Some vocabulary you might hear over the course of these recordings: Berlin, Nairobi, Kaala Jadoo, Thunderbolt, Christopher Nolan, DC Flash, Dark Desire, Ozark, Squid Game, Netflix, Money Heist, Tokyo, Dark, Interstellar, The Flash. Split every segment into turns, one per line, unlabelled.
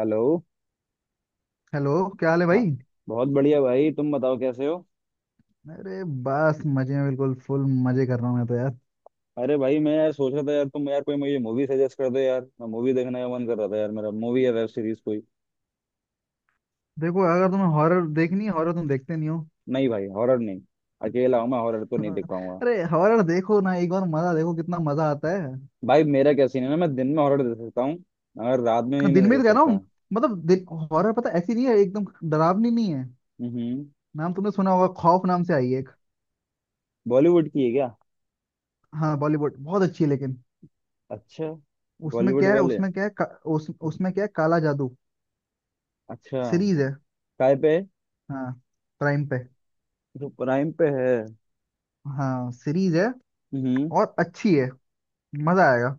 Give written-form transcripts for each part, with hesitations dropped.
Hello.
Hello. क्या हाल है
हाँ।
भाई?
बहुत बढ़िया भाई तुम बताओ कैसे हो।
अरे बस मजे में बिल्कुल फुल मजे कर रहा हूँ मैं तो यार।
अरे भाई मैं यार सोच रहा था यार, तुम यार कोई मुझे मूवी सजेस्ट कर दो यार, मैं मूवी देखने का मन कर रहा था यार, मेरा मूवी या वेब सीरीज कोई।
देखो, अगर तुम्हें हॉरर देखनी है, हॉरर तुम देखते नहीं हो?
नहीं भाई हॉरर नहीं। अकेला हूँ मैं, हॉरर तो नहीं देख पाऊंगा।
अरे हॉरर देखो ना एक बार, मजा देखो कितना मजा आता है।
भाई मेरा क्या सीन है ना, मैं दिन में हॉरर देख सकता हूँ मगर रात में नहीं
दिन
मैं
में
देख
तो कह रहा
सकता।
हूँ, मतलब दिन। हॉरर पता ऐसी नहीं है, एकदम डरावनी नहीं है।
हम्म।
नाम तुमने सुना होगा, खौफ नाम से आई है एक।
बॉलीवुड की है क्या?
हाँ बॉलीवुड बहुत अच्छी है लेकिन।
अच्छा। बॉलीवुड वाले।
उसमें क्या है, काला जादू।
अच्छा।
सीरीज है।
काय पे है?
हाँ, प्राइम पे।
जो प्राइम पे है।
हाँ सीरीज है।
हम्म।
और अच्छी है, मजा आएगा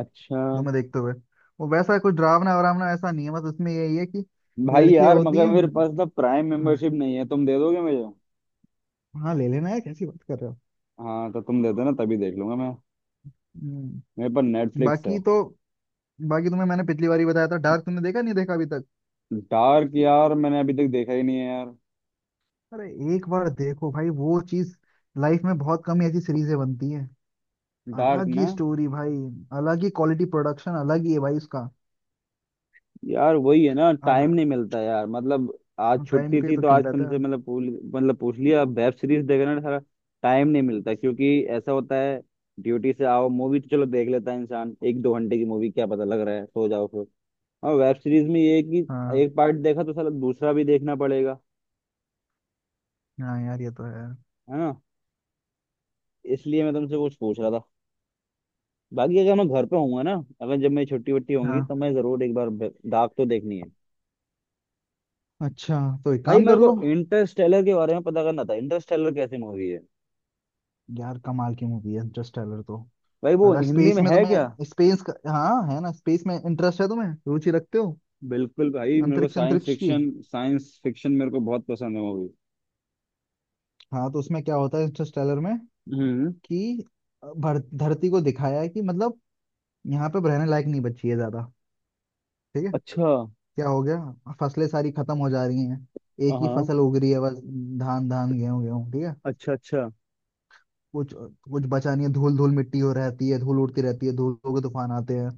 अच्छा।
दो में देखते हुए। वो वैसा कोई डरावना वरावना ऐसा नहीं है, बस उसमें यही है कि
भाई
लड़कियां
यार
होती
मगर
हैं।
मेरे पास ना प्राइम
हाँ।
मेंबरशिप नहीं है, तुम दे दोगे मुझे?
हाँ ले लेना यार, कैसी बात कर रहे हो।
हाँ तो तुम दे देना तभी देख लूंगा मैं।
हम्म।
मेरे पर नेटफ्लिक्स है।
बाकी तो बाकी तुम्हें मैंने पिछली बार ही बताया था, डार्क तुमने देखा नहीं, देखा अभी तक?
डार्क यार मैंने अभी तक देखा ही नहीं है यार।
अरे एक बार देखो भाई, वो चीज लाइफ में बहुत कम ही ऐसी सीरीजें बनती हैं।
डार्क
अलग ही
ना।
स्टोरी भाई, अलग ही क्वालिटी, प्रोडक्शन अलग ही है भाई उसका।
यार वही है ना, टाइम
अगर
नहीं मिलता यार मतलब, आज
टाइम
छुट्टी
पे
थी
तो
तो आज
किल्लत है।
तुमसे मतलब पूछ लिया, वेब सीरीज देखना सारा। टाइम नहीं मिलता क्योंकि ऐसा होता है, ड्यूटी से आओ मूवी तो चलो देख लेता है इंसान, एक दो घंटे की मूवी, क्या पता लग रहा है सो जाओ फिर। और वेब सीरीज में ये है कि
हाँ।
एक पार्ट देखा तो साला दूसरा भी देखना पड़ेगा।
हाँ यार ये तो है।
है ना? इसलिए मैं तुमसे कुछ पूछ रहा था। बाकी अगर मैं घर पे होऊंगा ना, अगर जब मेरी छुट्टी वट्टी होंगी
हाँ,
तो मैं जरूर एक बार डार्क तो देखनी है।
अच्छा, तो एक
भाई
काम
मेरे
कर
को
लो।
इंटरस्टेलर के बारे में पता करना था, इंटरस्टेलर कैसी मूवी है?
यार कमाल की मूवी है इंटरस्टेलर तो।
भाई वो
अगर
हिंदी
स्पेस
में
में
है क्या?
तुम्हें, स्पेस का हाँ है ना, स्पेस में इंटरेस्ट है तुम्हें, रुचि रखते हो।
बिल्कुल भाई, मेरे को
अंतरिक्ष,
साइंस
अंतरिक्ष की।
फिक्शन, साइंस फिक्शन मेरे को बहुत पसंद है मूवी।
हाँ, तो उसमें क्या होता है इंटरस्टेलर में
हम्म।
कि धरती को दिखाया है कि मतलब यहाँ पे रहने लायक नहीं बची है ज्यादा। ठीक है।
अच्छा।
क्या हो गया, फसलें सारी खत्म हो जा रही हैं,
हाँ
एक ही
हाँ,
फसल उग रही है बस। धान धान, गेहूं गेहूं, ठीक है।
अच्छा अच्छा
कुछ कुछ बचा नहीं है, धूल धूल मिट्टी हो रहती है, धूल उड़ती रहती है, धूलों के तूफान आते हैं।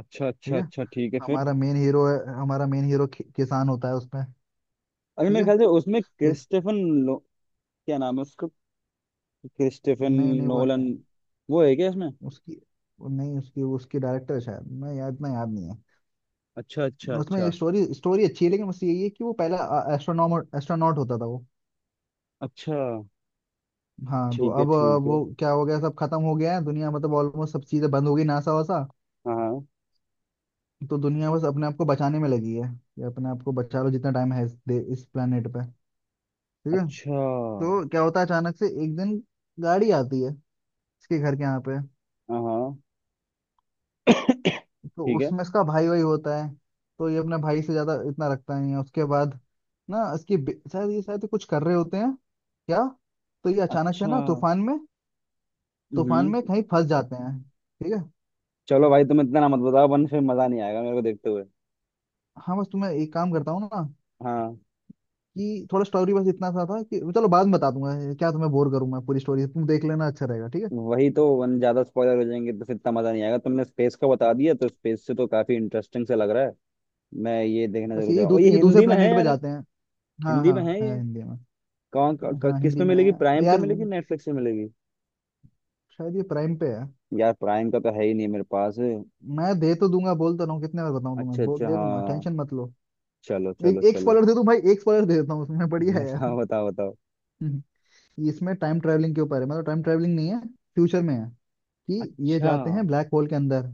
अच्छा।
ठीक
अच्छा।
है।
अच्छा ठीक है फिर।
हमारा मेन हीरो है, हमारा मेन हीरो किसान होता है उसमें।
अरे
ठीक
मेरे
है।
ख्याल से उसमें
इस-
क्रिस्टेफन। लो क्या नाम है उसका, क्रिस्टेफन
नहीं नहीं वो नहीं
नोलन
है।
वो है क्या इसमें?
उसकी, वो नहीं, उसकी उसकी डायरेक्टर है शायद, मैं याद इतना याद नहीं है।
अच्छा अच्छा
उसमें ये
अच्छा।
स्टोरी स्टोरी अच्छी है लेकिन, बस यही है कि वो पहला एस्ट्रोनॉमर एस्ट्रोनॉट होता था वो।
अच्छा
हाँ, तो
ठीक है
अब
ठीक है।
वो क्या हो गया, सब खत्म हो गया है दुनिया, मतलब ऑलमोस्ट सब चीजें बंद हो गई, नासा वासा।
हाँ।
तो दुनिया बस अपने आप को बचाने में लगी है कि अपने आप को बचा लो जितना टाइम है इस planet पे। ठीक है।
अच्छा।
तो क्या होता है, अचानक से एक दिन गाड़ी आती है इसके घर के यहाँ पे।
हाँ हाँ।
तो
ठीक है।
उसमें इसका भाई वही होता है। तो ये अपने भाई से ज्यादा इतना रखता नहीं है उसके बाद। शायद ये शायद कुछ कर रहे होते हैं क्या। तो ये अचानक से
अच्छा।
ना तूफान में, तूफान
हम्म।
में कहीं फंस जाते हैं। ठीक है।
चलो भाई तुम इतना ना मत बताओ वरना फिर मजा नहीं आएगा मेरे को देखते हुए।
हाँ बस तुम्हें एक काम करता हूँ ना
हाँ
कि थोड़ा स्टोरी बस इतना सा था कि चलो, बाद में बता दूंगा, ये क्या तुम्हें बोर करूँ मैं, पूरी स्टोरी तुम देख लेना, अच्छा रहेगा, ठीक है।
वही तो, वन ज्यादा स्पॉइलर हो जाएंगे तो फिर इतना मजा नहीं आएगा, तुमने स्पेस का बता दिया तो स्पेस से तो काफी इंटरेस्टिंग सा लग रहा है। मैं ये देखने जरूर जाऊँ, और ये
ये दूसरे
हिंदी में है
प्लेनेट पे
यार?
जाते हैं। हाँ
हिंदी
हाँ,
में है
है
ये?
हिंदी में। हाँ
किस
हिंदी
पे
में
मिलेगी,
है
प्राइम पे
यार।
मिलेगी नेटफ्लिक्स पे मिलेगी?
शायद ये प्राइम पे है।
यार प्राइम का तो है ही नहीं मेरे पास।
मैं दे तो दूंगा, बोल तो रहा हूँ, कितने बार बताऊं
अच्छा
तुम्हें,
अच्छा
दे दूंगा,
हाँ।
टेंशन मत लो।
चलो चलो
एक एक
चलो।
स्पॉइलर दे दूं भाई, एक स्पॉइलर दे देता हूँ, उसमें बढ़िया है यार।
बताओ बताओ बताओ।
ये इसमें टाइम ट्रैवलिंग के ऊपर है, मतलब टाइम ट्रैवलिंग नहीं है, फ्यूचर में है कि ये
अच्छा।
जाते हैं ब्लैक होल के अंदर।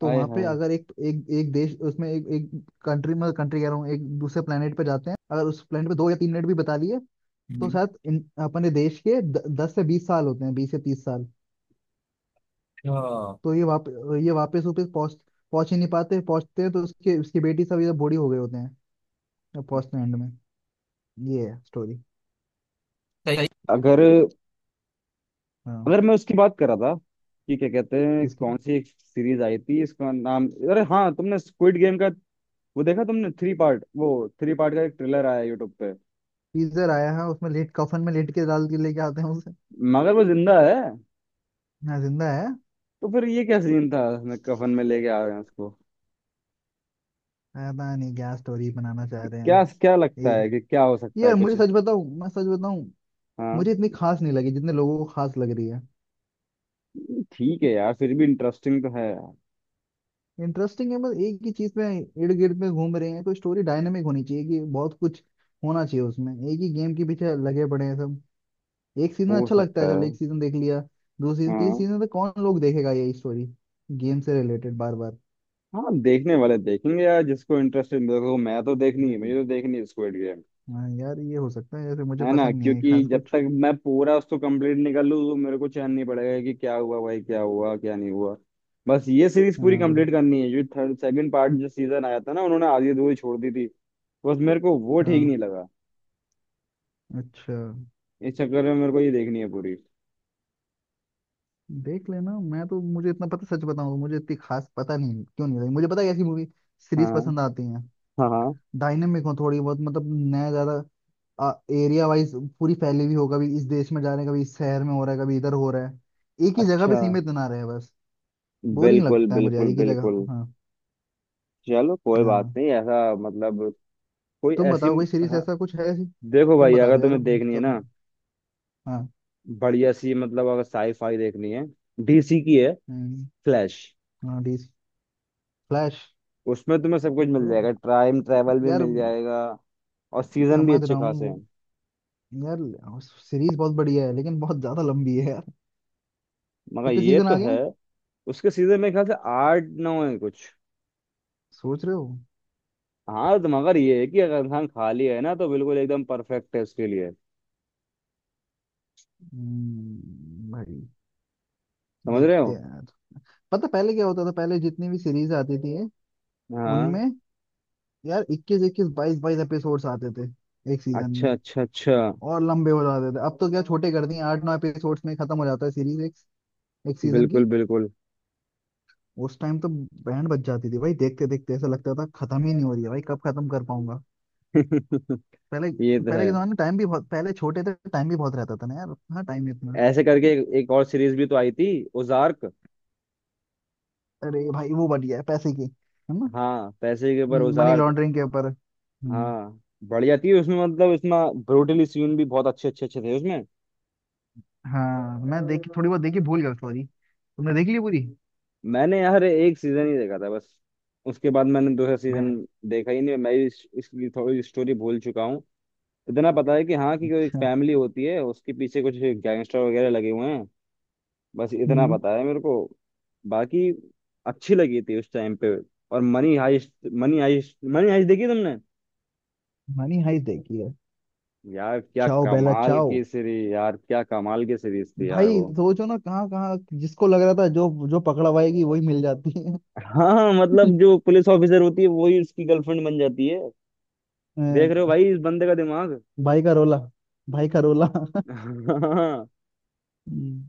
तो
आए।
वहां पे, अगर एक एक, एक देश उसमें एक एक कंट्री कह रहा हूँ, एक दूसरे प्लेनेट पे जाते हैं। अगर उस प्लेनेट पे 2 या 3 मिनट भी बता लिए तो
हाय।
शायद अपने देश के 10 से 20 साल होते हैं, 20 से 30 साल।
हाँ।
तो ये ये वापस वापस पहुंच पहुंच ही नहीं पाते, पहुंचते हैं तो उसके, उसकी बेटी सब ये बूढ़ी हो गए होते हैं। फर्स्ट एंड में। ये है स्टोरी।
सही। अगर
हाँ।
अगर मैं उसकी बात कर रहा था कि क्या कहते हैं,
किसकी?
कौन सी एक सीरीज आई थी इसका नाम? अरे हाँ, तुमने स्क्विड गेम का वो देखा? तुमने थ्री पार्ट, वो थ्री पार्ट का एक ट्रेलर आया यूट्यूब पे।
टीजर आया है उसमें, लेट कफन में लेट के डाल के लेके आते हैं उसे।
मगर वो जिंदा है,
हाँ जिंदा है।
तो फिर ये क्या सीन था, मैं कफन में लेके आ रहे हैं उसको?
पता नहीं क्या स्टोरी बनाना चाह रहे हैं।
क्या क्या लगता है कि
ये
क्या हो सकता है
यार,
कुछ?
मुझे सच बताऊं, मैं सच बताऊं,
हाँ।
मुझे इतनी खास नहीं लगी जितने लोगों को खास लग रही है।
ठीक है यार, फिर भी इंटरेस्टिंग तो है यार।
इंटरेस्टिंग है, बस एक ही चीज में इर्द गिर्द में घूम रहे हैं। कोई स्टोरी डायनेमिक होनी चाहिए कि बहुत कुछ होना चाहिए उसमें, एक ही गेम के पीछे लगे पड़े हैं सब। एक सीजन
हो
अच्छा लगता है,
सकता है।
चलो एक सीजन देख लिया, दूसरी सीजन
हाँ
तीसरी सीजन तक कौन लोग देखेगा यही स्टोरी, गेम से रिलेटेड बार बार।
हाँ देखने वाले देखेंगे यार, जिसको इंटरेस्ट है। देखो मैं तो देखनी है, मुझे
हम्म।
तो देखनी है स्क्विड गेम।
हाँ यार ये हो सकता है, जैसे मुझे
है ना?
पसंद नहीं है
क्योंकि
खास
जब
कुछ।
तक मैं पूरा उसको कंप्लीट नहीं कर लूँ तो मेरे को चैन नहीं पड़ेगा कि क्या हुआ भाई, क्या हुआ क्या नहीं हुआ। बस ये सीरीज पूरी कंप्लीट
हाँ।
करनी है, जो थर्ड सेकंड पार्ट, जो सीजन आया था ना उन्होंने आधी अधूरी छोड़ दी थी। बस मेरे को वो ठीक
हाँ,
नहीं लगा।
अच्छा।
इस चक्कर में मेरे को ये देखनी है पूरी।
देख लेना, मैं तो, मुझे इतना पता, सच बताऊं मुझे इतनी खास पता नहीं क्यों नहीं लगी, मुझे पता है कैसी मूवी सीरीज
हाँ
पसंद आती हैं,
हाँ हाँ।
डायनेमिक हो थोड़ी बहुत मतलब, नया ज्यादा, एरिया वाइज पूरी फैली हुई हो, कभी इस देश में जा रहे हैं, कभी इस शहर में हो रहा है, कभी इधर हो रहा है, एक ही जगह
अच्छा।
पे सीमित ना रहे, बस बोरिंग
बिल्कुल
लगता है मुझे यार
बिल्कुल
एक ही जगह।
बिल्कुल।
हाँ।
चलो कोई बात
हाँ
नहीं, ऐसा मतलब कोई
तुम
ऐसी।
बताओ, कोई सीरीज
हाँ
ऐसा कुछ है ऐसी।
देखो
तुम
भाई,
बता दो
अगर
यार,
तुम्हें देखनी है
सब।
ना
हाँ।
बढ़िया सी मतलब, अगर साई फाई देखनी है, डीसी की है
हम्म,
फ्लैश,
हाँ DC फ्लैश
उसमें तुम्हें सब कुछ मिल
तो।
जाएगा, टाइम ट्रैवल भी
यार
मिल जाएगा, और सीजन भी
समझ
अच्छे
रहा हूँ
खासे हैं।
वो, यार सीरीज बहुत बढ़िया है लेकिन बहुत ज्यादा लंबी है यार।
मगर
कितने
ये
सीजन
तो
आ गए,
है, उसके सीजन मेरे ख्याल से आठ नौ है कुछ।
सोच रहे हो।
हाँ तो मगर ये है कि अगर इंसान खाली है ना तो बिल्कुल एकदम परफेक्ट है उसके लिए।
भाई
समझ रहे
देखते
हो?
हैं यार। पता पहले क्या होता था, पहले जितनी भी सीरीज आती थी
हाँ।
उनमें यार 21 21 22 22 एपिसोड्स आते थे एक सीजन में,
अच्छा अच्छा अच्छा।
और लंबे हो जाते थे। अब तो क्या छोटे कर दिए, 8 9 एपिसोड्स में खत्म हो जाता है सीरीज, एक एक सीजन
बिल्कुल
की।
बिल्कुल।
उस टाइम तो बैंड बज जाती थी भाई, देखते देखते ऐसा लगता था खत्म ही नहीं हो रही है भाई, कब खत्म कर पाऊंगा। पहले,
ये तो
पहले
है।
के जमाने में टाइम भी बहुत, पहले छोटे थे, टाइम भी बहुत रहता था ना यार। हाँ टाइम नहीं इतना।
ऐसे करके एक और सीरीज भी तो आई थी, ओजार्क।
अरे भाई वो बढ़िया है, पैसे की है ना,
हाँ पैसे के ऊपर
मनी
ओजार्क।
लॉन्ड्रिंग के ऊपर।
हाँ बढ़िया थी उसमें मतलब, इसमें ब्रूटली सीन भी बहुत अच्छे अच्छे अच्छे थे उसमें।
हाँ। मैं देखी थोड़ी बहुत देखी, भूल गया सॉरी, तुमने देख ली पूरी?
मैंने यार एक सीजन ही देखा था बस, उसके बाद मैंने दूसरा सीजन
मैं,
देखा ही नहीं। मैं इसकी थोड़ी स्टोरी भूल चुका हूँ। इतना पता है कि, हाँ कि कोई
अच्छा।
फैमिली होती है उसके पीछे कुछ गैंगस्टर वगैरह लगे हुए हैं। बस इतना
हम्म।
पता है मेरे को। बाकी अच्छी लगी थी उस टाइम पे। और Money Heist, Money Heist, Money Heist देखी तुमने?
मनी हाइस्ट देखी है।
यार क्या
चाओ बेला
कमाल
चाओ।
की सीरीज, यार क्या कमाल की सीरीज थी यार
भाई
वो।
सोचो ना, कहाँ कहाँ जिसको लग रहा था, जो जो पकड़ा पाएगी, वही मिल जाती है।
हाँ, मतलब जो पुलिस ऑफिसर होती है वही उसकी गर्लफ्रेंड बन जाती है।
अ,
देख रहे हो भाई इस बंदे का दिमाग?
भाई का रोला, भाई का रोला।
हाँ
हम्म,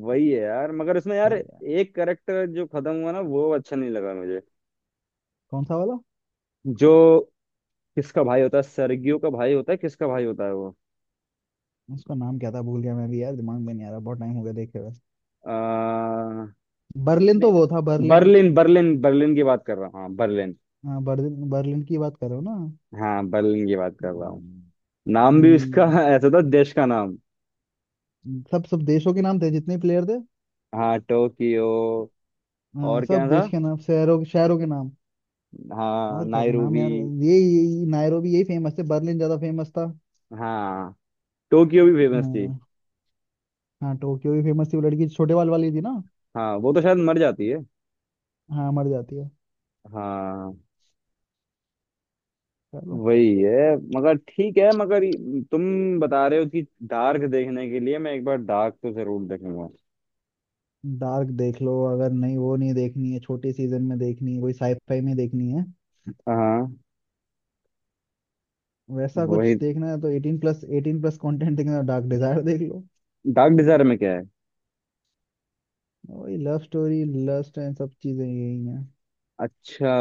वही है यार, मगर उसमें यार
सही है।
एक करेक्टर जो खत्म हुआ ना वो अच्छा नहीं लगा मुझे।
कौन सा वाला?
जो किसका भाई होता है, सर्गियो का भाई होता है, किसका भाई होता है वो?
उसका नाम क्या था, भूल गया मैं भी यार, दिमाग में नहीं आ रहा, बहुत टाइम हो गया देखे हुए।
आ,
बर्लिन, तो
नहीं,
वो था बर्लिन।
बर्लिन बर्लिन, बर्लिन की बात कर रहा हूँ, हाँ बर्लिन।
हाँ बर्लिन, बर्लिन की बात कर रहे हो ना।
हाँ बर्लिन की बात कर रहा हूँ।
हम्म,
नाम भी उसका
हम्म।
ऐसा था, देश का नाम।
सब, सब देशों के नाम थे जितने प्लेयर थे।
हाँ टोक्यो।
हाँ,
और क्या
सब
था?
देश के नाम, शहरों के, शहरों के नाम।
हाँ
और क्या था नाम
नायरूबी।
यार। ये नायरोबी, यही फेमस थे, बर्लिन ज्यादा फेमस था।
हाँ टोक्यो भी फेमस थी।
हाँ। हाँ, टोक्यो भी फेमस थी, वो लड़की छोटे बाल वाली थी ना।
हाँ वो तो शायद मर जाती है।
हाँ मर जाती है।
हाँ
चलो।
वही है। मगर ठीक है, मगर तुम बता रहे हो कि डार्क देखने के लिए, मैं एक बार डार्क तो जरूर देखूंगा।
डार्क देख लो, अगर नहीं वो नहीं देखनी है, छोटे सीजन में देखनी है कोई, साइफाई में देखनी है,
हाँ
वैसा कुछ
वही।
देखना है, तो 18+ 18+ कंटेंट देखना, डार्क डिजायर देख लो।
डार्क डिजायर में क्या है?
वही लव स्टोरी लस्ट एंड सब चीजें यही हैं,
अच्छा।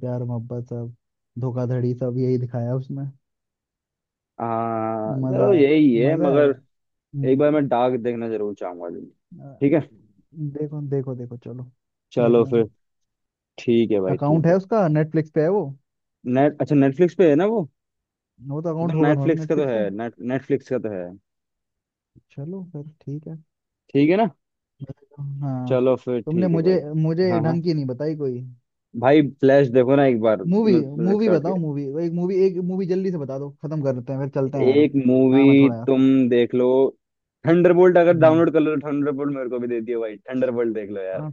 प्यार मोहब्बत सब, धोखाधड़ी सब यही दिखाया उसमें।
हाँ
मजा
चलो
है,
यही है
मजा आ रहा है अरे।
मगर, एक
हम्म,
बार मैं डार्क देखना जरूर चाहूंगा जी।
अ,
ठीक है।
देखो देखो देखो, चलो
चलो
देखेंगे
फिर
ना।
ठीक है भाई
अकाउंट
ठीक
है
है।
उसका, नेटफ्लिक्स पे है वो
नेट अच्छा नेटफ्लिक्स पे है ना वो।
वो तो
तो
अकाउंट होगा तुम्हारे
नेटफ्लिक्स का तो
नेटफ्लिक्स
है,
का।
नेटफ्लिक्स का तो है।
चलो फिर ठीक है।
ठीक है ना?
मैं- हाँ।
चलो फिर
तुमने
ठीक है भाई।
मुझे मुझे
हाँ हाँ।
ढंग की नहीं बताई कोई।
भाई फ्लैश देखो ना एक बार।
Movie, movie
search.
बताओ, मूवी, एक मूवी, एक मूवी जल्दी से बता दो, खत्म कर लेते हैं फिर चलते हैं यार,
एक मूवी
काम है थोड़ा यार।
तुम देख लो, थंडरबोल्ट। अगर
हम्म।
डाउनलोड कर लो तो थंडरबोल्ट मेरे को भी दे दियो भाई। थंडरबोल्ट देख लो यार।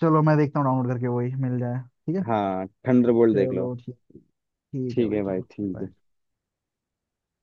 चलो मैं देखता हूँ डाउनलोड करके वही मिल जाए। ठीक है।
हाँ थंडरबोल्ट देख लो।
चलो ठीक, ठीक है
ठीक
भाई,
है भाई
चलो
ठीक
bye।
है।